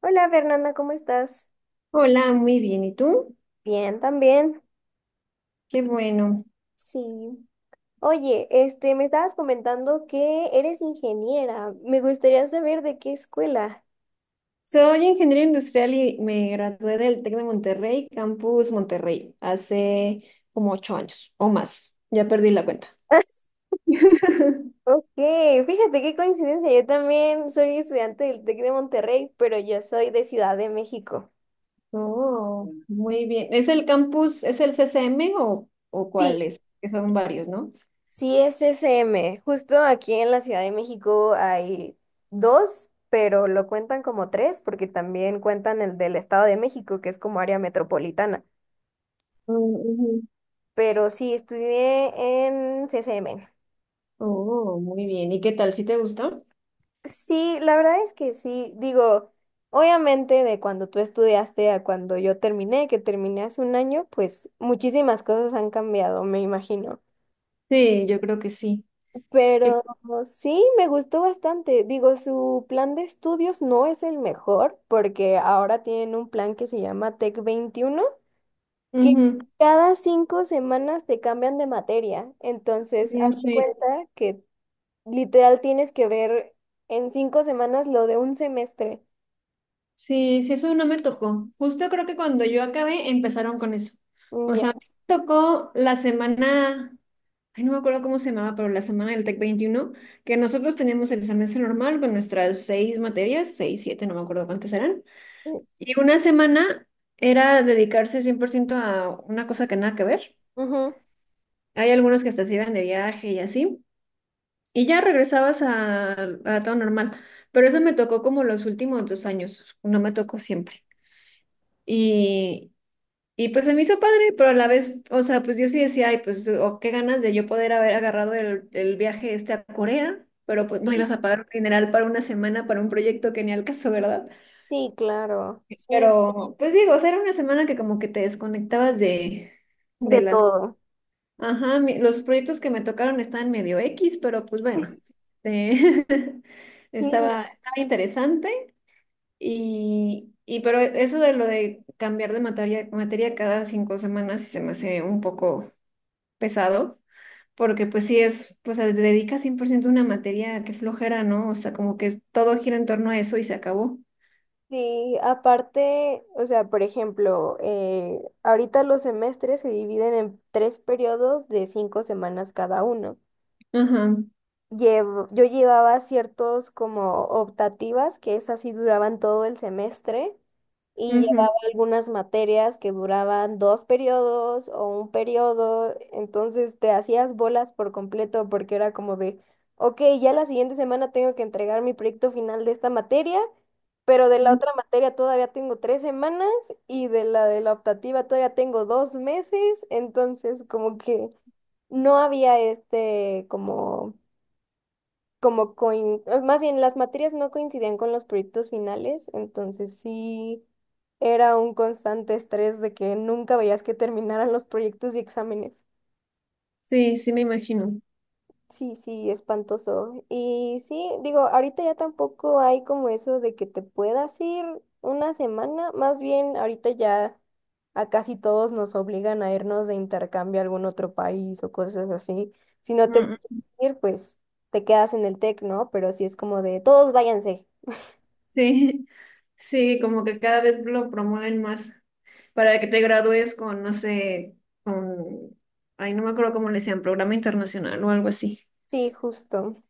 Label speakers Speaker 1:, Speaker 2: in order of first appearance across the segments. Speaker 1: Hola, Fernanda, ¿cómo estás?
Speaker 2: Hola, muy bien. ¿Y tú?
Speaker 1: Bien, también.
Speaker 2: Qué bueno.
Speaker 1: Sí. Oye, me estabas comentando que eres ingeniera. Me gustaría saber de qué escuela.
Speaker 2: Soy ingeniero industrial y me gradué del TEC de Monterrey, Campus Monterrey, hace como ocho años o más. Ya perdí la cuenta.
Speaker 1: Ok, fíjate qué coincidencia. Yo también soy estudiante del TEC de Monterrey, pero yo soy de Ciudad de México.
Speaker 2: Oh, muy bien. ¿Es el campus, es el CCM o cuál
Speaker 1: Sí,
Speaker 2: es? Que son varios, ¿no?
Speaker 1: sí es SM. Justo aquí en la Ciudad de México hay dos, pero lo cuentan como tres porque también cuentan el del Estado de México, que es como área metropolitana.
Speaker 2: Mm, ujú.
Speaker 1: Pero sí, estudié en CCM.
Speaker 2: Oh, muy bien. ¿Y qué tal? ¿Sí te gustó?
Speaker 1: Sí, la verdad es que sí. Digo, obviamente de cuando tú estudiaste a cuando yo terminé, que terminé hace 1 año, pues muchísimas cosas han cambiado, me imagino.
Speaker 2: Sí, yo creo que sí. Sí.
Speaker 1: Pero sí, me gustó bastante. Digo, su plan de estudios no es el mejor porque ahora tienen un plan que se llama Tec 21, que
Speaker 2: Ujú.
Speaker 1: cada 5 semanas te cambian de materia. Entonces,
Speaker 2: Mm,
Speaker 1: haz de
Speaker 2: sí.
Speaker 1: cuenta que literal tienes que ver en 5 semanas lo de un semestre.
Speaker 2: Sí, sí, eso no me tocó. Justo creo que cuando yo acabé empezaron con eso. O
Speaker 1: Mm, ya.
Speaker 2: sea, me tocó la semana, ay, no me acuerdo cómo se llamaba, pero la semana del TEC 21, que nosotros teníamos el semestre normal con nuestras seis materias, seis, siete, no me acuerdo cuántas eran. Y una semana era dedicarse 100% a una cosa que nada que ver.
Speaker 1: Ujú.
Speaker 2: Hay algunos que hasta se iban de viaje y así. Y ya regresabas a todo normal. Pero eso me tocó como los últimos dos años, no me tocó siempre. Y, Y pues se me hizo padre, pero a la vez, o sea, pues yo sí decía, ay, pues, o qué ganas de yo poder haber agarrado el viaje este a Corea, pero pues no
Speaker 1: Sí,
Speaker 2: ibas a pagar un dineral para una semana, para un proyecto que ni al caso, ¿verdad?
Speaker 1: sí, claro, sí.
Speaker 2: Pero, pues digo, o sea, era una semana que como que te desconectabas de
Speaker 1: De
Speaker 2: las...
Speaker 1: todo.
Speaker 2: Ajá, los proyectos que me tocaron estaban medio X, pero pues bueno, eh,
Speaker 1: Sí, no.
Speaker 2: estaba interesante y pero eso de lo de cambiar de materia cada cinco semanas sí se me hace un poco pesado, porque pues sí es, pues se dedica 100% a una materia que flojera, ¿no? O sea, como que todo gira en torno a eso y se acabó.
Speaker 1: Sí, aparte, o sea, por ejemplo, ahorita los semestres se dividen en tres periodos de 5 semanas cada uno.
Speaker 2: Ajá,
Speaker 1: Yo llevaba ciertos como optativas que esas sí duraban todo el semestre, y
Speaker 2: ujú,
Speaker 1: llevaba algunas materias que duraban dos periodos o un periodo, entonces te hacías bolas por completo porque era como de, ok, ya la siguiente semana tengo que entregar mi proyecto final de esta materia, pero de la
Speaker 2: mm.
Speaker 1: otra materia todavía tengo 3 semanas y de la optativa todavía tengo 2 meses. Entonces, como que no había este como más bien las materias no coincidían con los proyectos finales, entonces sí era un constante estrés de que nunca veías que terminaran los proyectos y exámenes.
Speaker 2: Sí, sí me imagino.
Speaker 1: Sí, sí, espantoso. Y sí, digo, ahorita ya tampoco hay como eso de que te puedas ir una semana, más bien ahorita ya a casi todos nos obligan a irnos de intercambio a algún otro país o cosas así. Si no te
Speaker 2: Mm,
Speaker 1: puedes ir, pues te quedas en el TEC, ¿no? Pero sí es como de todos váyanse.
Speaker 2: sí. Sí, como que cada vez lo promueven más para que te gradúes con, no sé, con, ay, no me acuerdo cómo le decían, programa internacional o algo así.
Speaker 1: Sí, justo.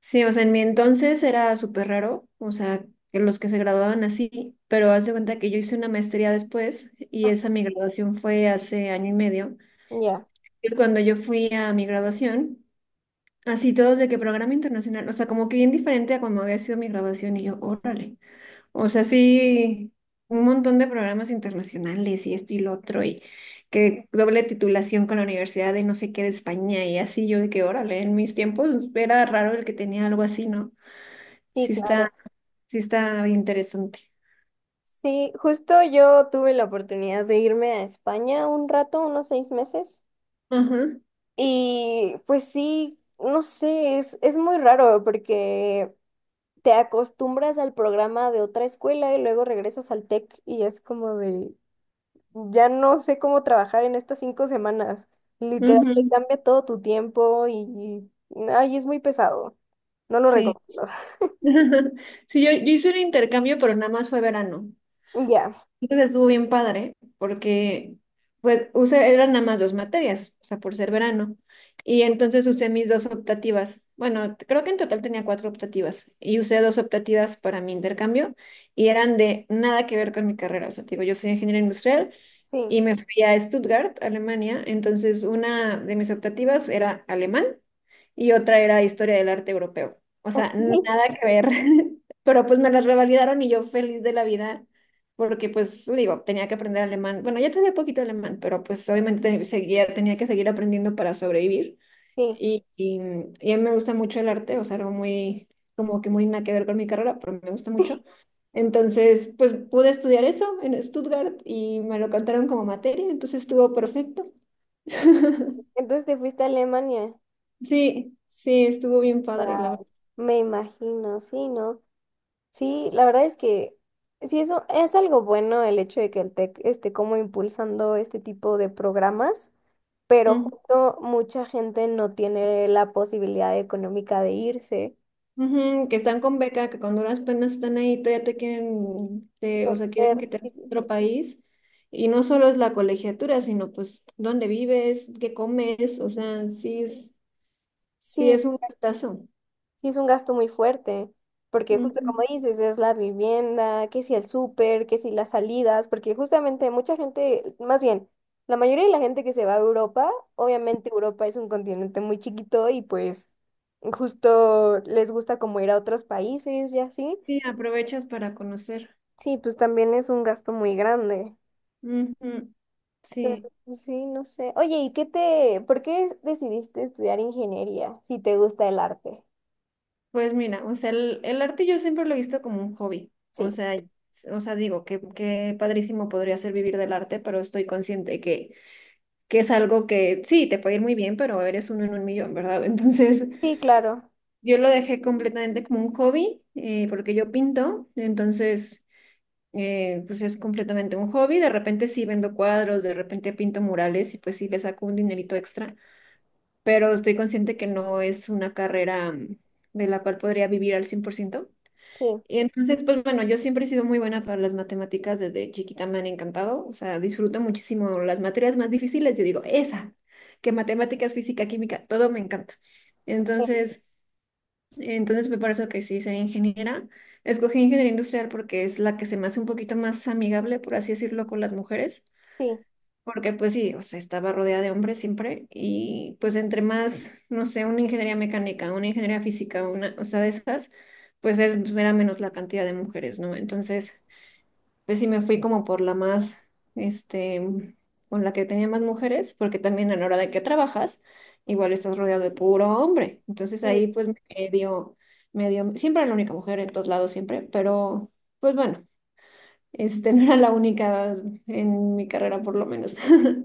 Speaker 2: Sí, o sea, en mi entonces era súper raro, o sea, que los que se graduaban así, pero haz de cuenta que yo hice una maestría después y
Speaker 1: Ah,
Speaker 2: esa mi graduación fue hace año y medio.
Speaker 1: ya,
Speaker 2: Y cuando yo fui a mi graduación, así todos de que programa internacional, o sea, como que bien diferente a cuando había sido mi graduación y yo, órale, o sea, sí, un montón de programas internacionales y esto y lo otro y que doble titulación con la Universidad de no sé qué de España y así yo de que, órale, en mis tiempos era raro el que tenía algo así, ¿no?
Speaker 1: sí,
Speaker 2: Sí
Speaker 1: claro.
Speaker 2: está, sí está interesante.
Speaker 1: Sí, justo yo tuve la oportunidad de irme a España un rato, unos 6 meses.
Speaker 2: Ajá,
Speaker 1: Y pues sí, no sé, es muy raro porque te acostumbras al programa de otra escuela y luego regresas al TEC y es como de, ya no sé cómo trabajar en estas 5 semanas. Literal, te
Speaker 2: ujú,
Speaker 1: cambia todo tu tiempo y, es muy pesado. No lo
Speaker 2: sí.
Speaker 1: recomiendo.
Speaker 2: Sí, yo hice un intercambio, pero nada más fue verano.
Speaker 1: Ya,
Speaker 2: Entonces estuvo bien padre, porque pues usé, eran nada más dos materias, o sea, por ser verano. Y entonces usé mis dos optativas. Bueno, creo que en total tenía cuatro optativas. Y usé dos optativas para mi intercambio y eran de nada que ver con mi carrera. O sea, te digo, yo soy ingeniero industrial
Speaker 1: sí.
Speaker 2: y me fui a Stuttgart, Alemania. Entonces, una de mis optativas era alemán y otra era historia del arte europeo. O
Speaker 1: Ok,
Speaker 2: sea, nada que ver. Pero pues me las revalidaron y yo feliz de la vida, porque pues digo, tenía que aprender alemán. Bueno, ya tenía poquito alemán, pero pues obviamente seguía, tenía que seguir aprendiendo para sobrevivir.
Speaker 1: sí.
Speaker 2: Y, y, y a mí me gusta mucho el arte, o sea, algo muy, como que muy nada que ver con mi carrera, pero me gusta mucho. Entonces, pues pude estudiar eso en Stuttgart y me lo cantaron como materia, entonces estuvo perfecto.
Speaker 1: Entonces te fuiste a Alemania.
Speaker 2: Sí, sí, estuvo bien padre, la
Speaker 1: Ah,
Speaker 2: verdad.
Speaker 1: me imagino, sí, ¿no? Sí, la verdad es que sí, eso es algo bueno el hecho de que el TEC esté como impulsando este tipo de programas, pero
Speaker 2: Ujú,
Speaker 1: justo mucha gente no tiene la posibilidad económica de irse.
Speaker 2: ujú, que están con beca, que con duras penas están ahí, todavía te quieren, o sea, quieren
Speaker 1: Ver,
Speaker 2: que te vayas a
Speaker 1: sí.
Speaker 2: otro país. Y no solo es la colegiatura, sino pues dónde vives, qué comes, o sea, sí
Speaker 1: Sí,
Speaker 2: es un gastazo.
Speaker 1: sí, es un gasto muy fuerte, porque justo
Speaker 2: Ujú.
Speaker 1: como dices, es la vivienda, que si el súper, que si las salidas, porque justamente mucha gente, más bien, la mayoría de la gente que se va a Europa, obviamente Europa es un continente muy chiquito y pues justo les gusta como ir a otros países y así.
Speaker 2: Sí, aprovechas para conocer.
Speaker 1: Sí, pues también es un gasto muy grande.
Speaker 2: Ujú.
Speaker 1: Pero,
Speaker 2: Sí,
Speaker 1: pues, sí, no sé. Oye, ¿y qué te, por qué decidiste estudiar ingeniería si te gusta el arte?
Speaker 2: pues mira, o sea, el arte yo siempre lo he visto como un hobby. O
Speaker 1: Sí.
Speaker 2: sea, o sea, digo que padrísimo podría ser vivir del arte, pero estoy consciente que es algo que sí, te puede ir muy bien, pero eres uno en un millón, ¿verdad? Entonces,
Speaker 1: Sí, claro.
Speaker 2: yo lo dejé completamente como un hobby, porque yo pinto, entonces, pues es completamente un hobby. De repente sí vendo cuadros, de repente pinto murales y pues sí le saco un dinerito extra, pero estoy consciente que no es una carrera de la cual podría vivir al cien por ciento.
Speaker 1: Sí,
Speaker 2: Y entonces, pues bueno, yo siempre he sido muy buena para las matemáticas, desde chiquita me han encantado, o sea, disfruto muchísimo las materias más difíciles, yo digo, esa, que matemáticas, física, química, todo me encanta. Entonces, entonces fue por eso que sí soy ingeniera. Escogí ingeniería industrial porque es la que se me hace un poquito más amigable, por así decirlo, con las mujeres.
Speaker 1: sí,
Speaker 2: Porque pues sí, o sea, estaba rodeada de hombres siempre y pues entre más, no sé, una ingeniería mecánica, una ingeniería física, una, o sea, de esas, pues, era menos la cantidad de mujeres, ¿no? Entonces, pues sí me fui como por la más, este, con la que tenía más mujeres, porque también a la hora de que trabajas, igual estás rodeado de puro hombre. Entonces
Speaker 1: sí.
Speaker 2: ahí pues me dio, siempre era la única mujer en todos lados, siempre, pero pues bueno. Este, no era la única en mi carrera, por lo menos.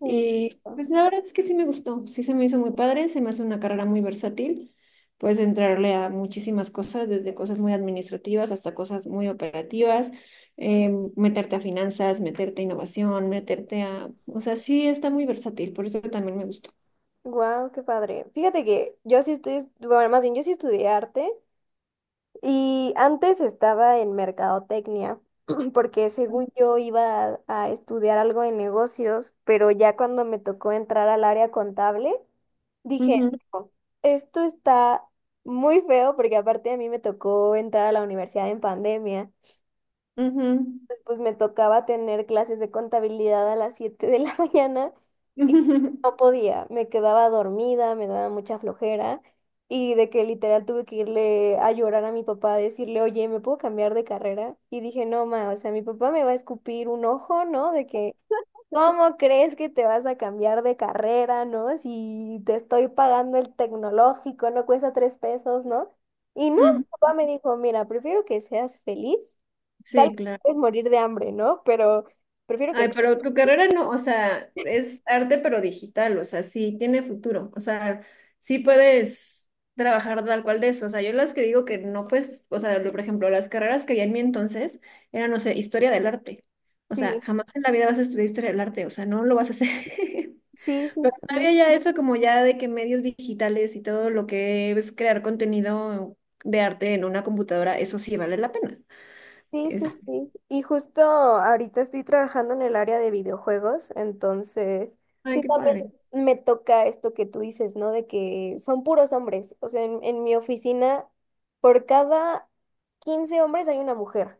Speaker 1: Sí.
Speaker 2: Y pues la verdad es que sí me gustó, sí se me hizo muy padre, se me hace una carrera muy versátil. Puedes entrarle a muchísimas cosas, desde cosas muy administrativas hasta cosas muy operativas, eh, meterte a finanzas, meterte a innovación, meterte a... O sea, sí está muy versátil, por eso también me gustó.
Speaker 1: Wow, qué padre. Fíjate que yo sí estoy, bueno, más bien yo sí estudié arte y antes estaba en mercadotecnia, porque según yo iba a estudiar algo en negocios, pero ya cuando me tocó entrar al área contable, dije,
Speaker 2: Ujú,
Speaker 1: "No, esto está muy feo", porque aparte a mí me tocó entrar a la universidad en pandemia.
Speaker 2: ujú.
Speaker 1: Pues me tocaba tener clases de contabilidad a las 7 de la mañana y no podía, me quedaba dormida, me daba mucha flojera, y de que literal tuve que irle a llorar a mi papá, a decirle, oye, ¿me puedo cambiar de carrera? Y dije, no, ma, o sea, mi papá me va a escupir un ojo, ¿no? De que, ¿cómo crees que te vas a cambiar de carrera, ¿no? Si te estoy pagando el tecnológico, no cuesta 3 pesos, ¿no? Y no,
Speaker 2: Ujú,
Speaker 1: mi papá me dijo, mira, prefiero que seas feliz. Tal vez
Speaker 2: sí, claro.
Speaker 1: puedes morir de hambre, ¿no? Pero prefiero que
Speaker 2: Ay, pero tu carrera no, o sea, es arte pero digital, o sea, sí tiene futuro, o sea, sí puedes trabajar tal cual de eso, o sea, yo las que digo que no pues, o sea, por ejemplo, las carreras que había en mi entonces eran, no sé, historia del arte, o sea,
Speaker 1: sí.
Speaker 2: jamás en la vida vas a estudiar historia del arte, o sea, no lo vas a hacer.
Speaker 1: Sí, sí,
Speaker 2: Pero
Speaker 1: sí.
Speaker 2: todavía ya eso como ya de que medios digitales y todo lo que es crear contenido de arte en una computadora, eso sí vale la pena.
Speaker 1: Sí,
Speaker 2: Es,
Speaker 1: sí, sí. Y justo ahorita estoy trabajando en el área de videojuegos, entonces
Speaker 2: ay,
Speaker 1: sí
Speaker 2: qué
Speaker 1: también
Speaker 2: padre.
Speaker 1: me toca esto que tú dices, ¿no? De que son puros hombres. O sea, en mi oficina, por cada 15 hombres hay una mujer.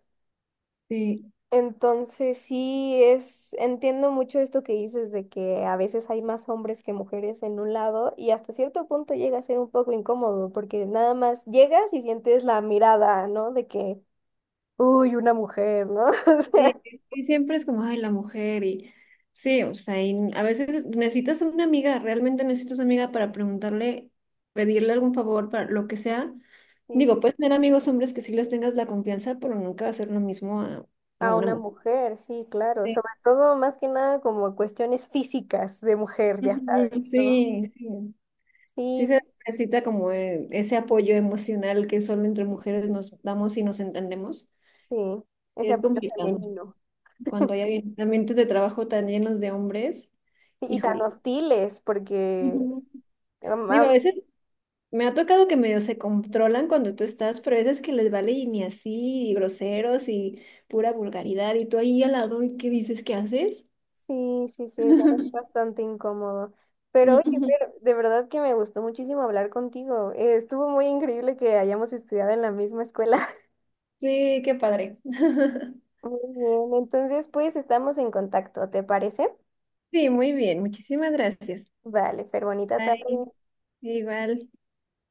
Speaker 2: Sí.
Speaker 1: Entonces sí es, entiendo mucho esto que dices de que a veces hay más hombres que mujeres en un lado y hasta cierto punto llega a ser un poco incómodo porque nada más llegas y sientes la mirada, ¿no? De que, uy, una mujer, ¿no? O
Speaker 2: Sí,
Speaker 1: sea,
Speaker 2: sí, siempre es como, ay, la mujer y sí, o sea, y a veces necesitas una amiga, realmente necesitas una amiga para preguntarle, pedirle algún favor, para lo que sea.
Speaker 1: y s-
Speaker 2: Digo, puedes tener amigos hombres que sí les tengas la confianza, pero nunca hacer lo mismo a
Speaker 1: a
Speaker 2: una
Speaker 1: una
Speaker 2: mujer.
Speaker 1: mujer, sí, claro,
Speaker 2: Sí,
Speaker 1: sobre todo más que nada como cuestiones físicas de mujer, ya
Speaker 2: ujú,
Speaker 1: sabes, ¿no?
Speaker 2: sí, sí. Sí
Speaker 1: Sí,
Speaker 2: se necesita como ese apoyo emocional que solo entre mujeres nos damos y nos entendemos.
Speaker 1: sí, ese
Speaker 2: Es
Speaker 1: apoyo
Speaker 2: complicado
Speaker 1: femenino.
Speaker 2: cuando hay ambientes de trabajo tan llenos de hombres,
Speaker 1: Sí, y tan
Speaker 2: híjole.
Speaker 1: hostiles porque...
Speaker 2: Ujú.
Speaker 1: am-
Speaker 2: Digo,
Speaker 1: a,
Speaker 2: a veces me ha tocado que medio se controlan cuando tú estás, pero hay veces que les vale y ni así, y groseros y pura vulgaridad, y tú ahí al lado, ¿y qué dices? ¿Qué haces?
Speaker 1: sí, sí, sí, es bastante incómodo. Pero oye,
Speaker 2: Ujú.
Speaker 1: Fer, de verdad que me gustó muchísimo hablar contigo. Estuvo muy increíble que hayamos estudiado en la misma escuela.
Speaker 2: Sí, qué padre.
Speaker 1: Muy bien, entonces pues estamos en contacto, ¿te parece?
Speaker 2: Sí, muy bien, muchísimas gracias.
Speaker 1: Vale, Fer, bonita
Speaker 2: Bye,
Speaker 1: tarde.
Speaker 2: igual.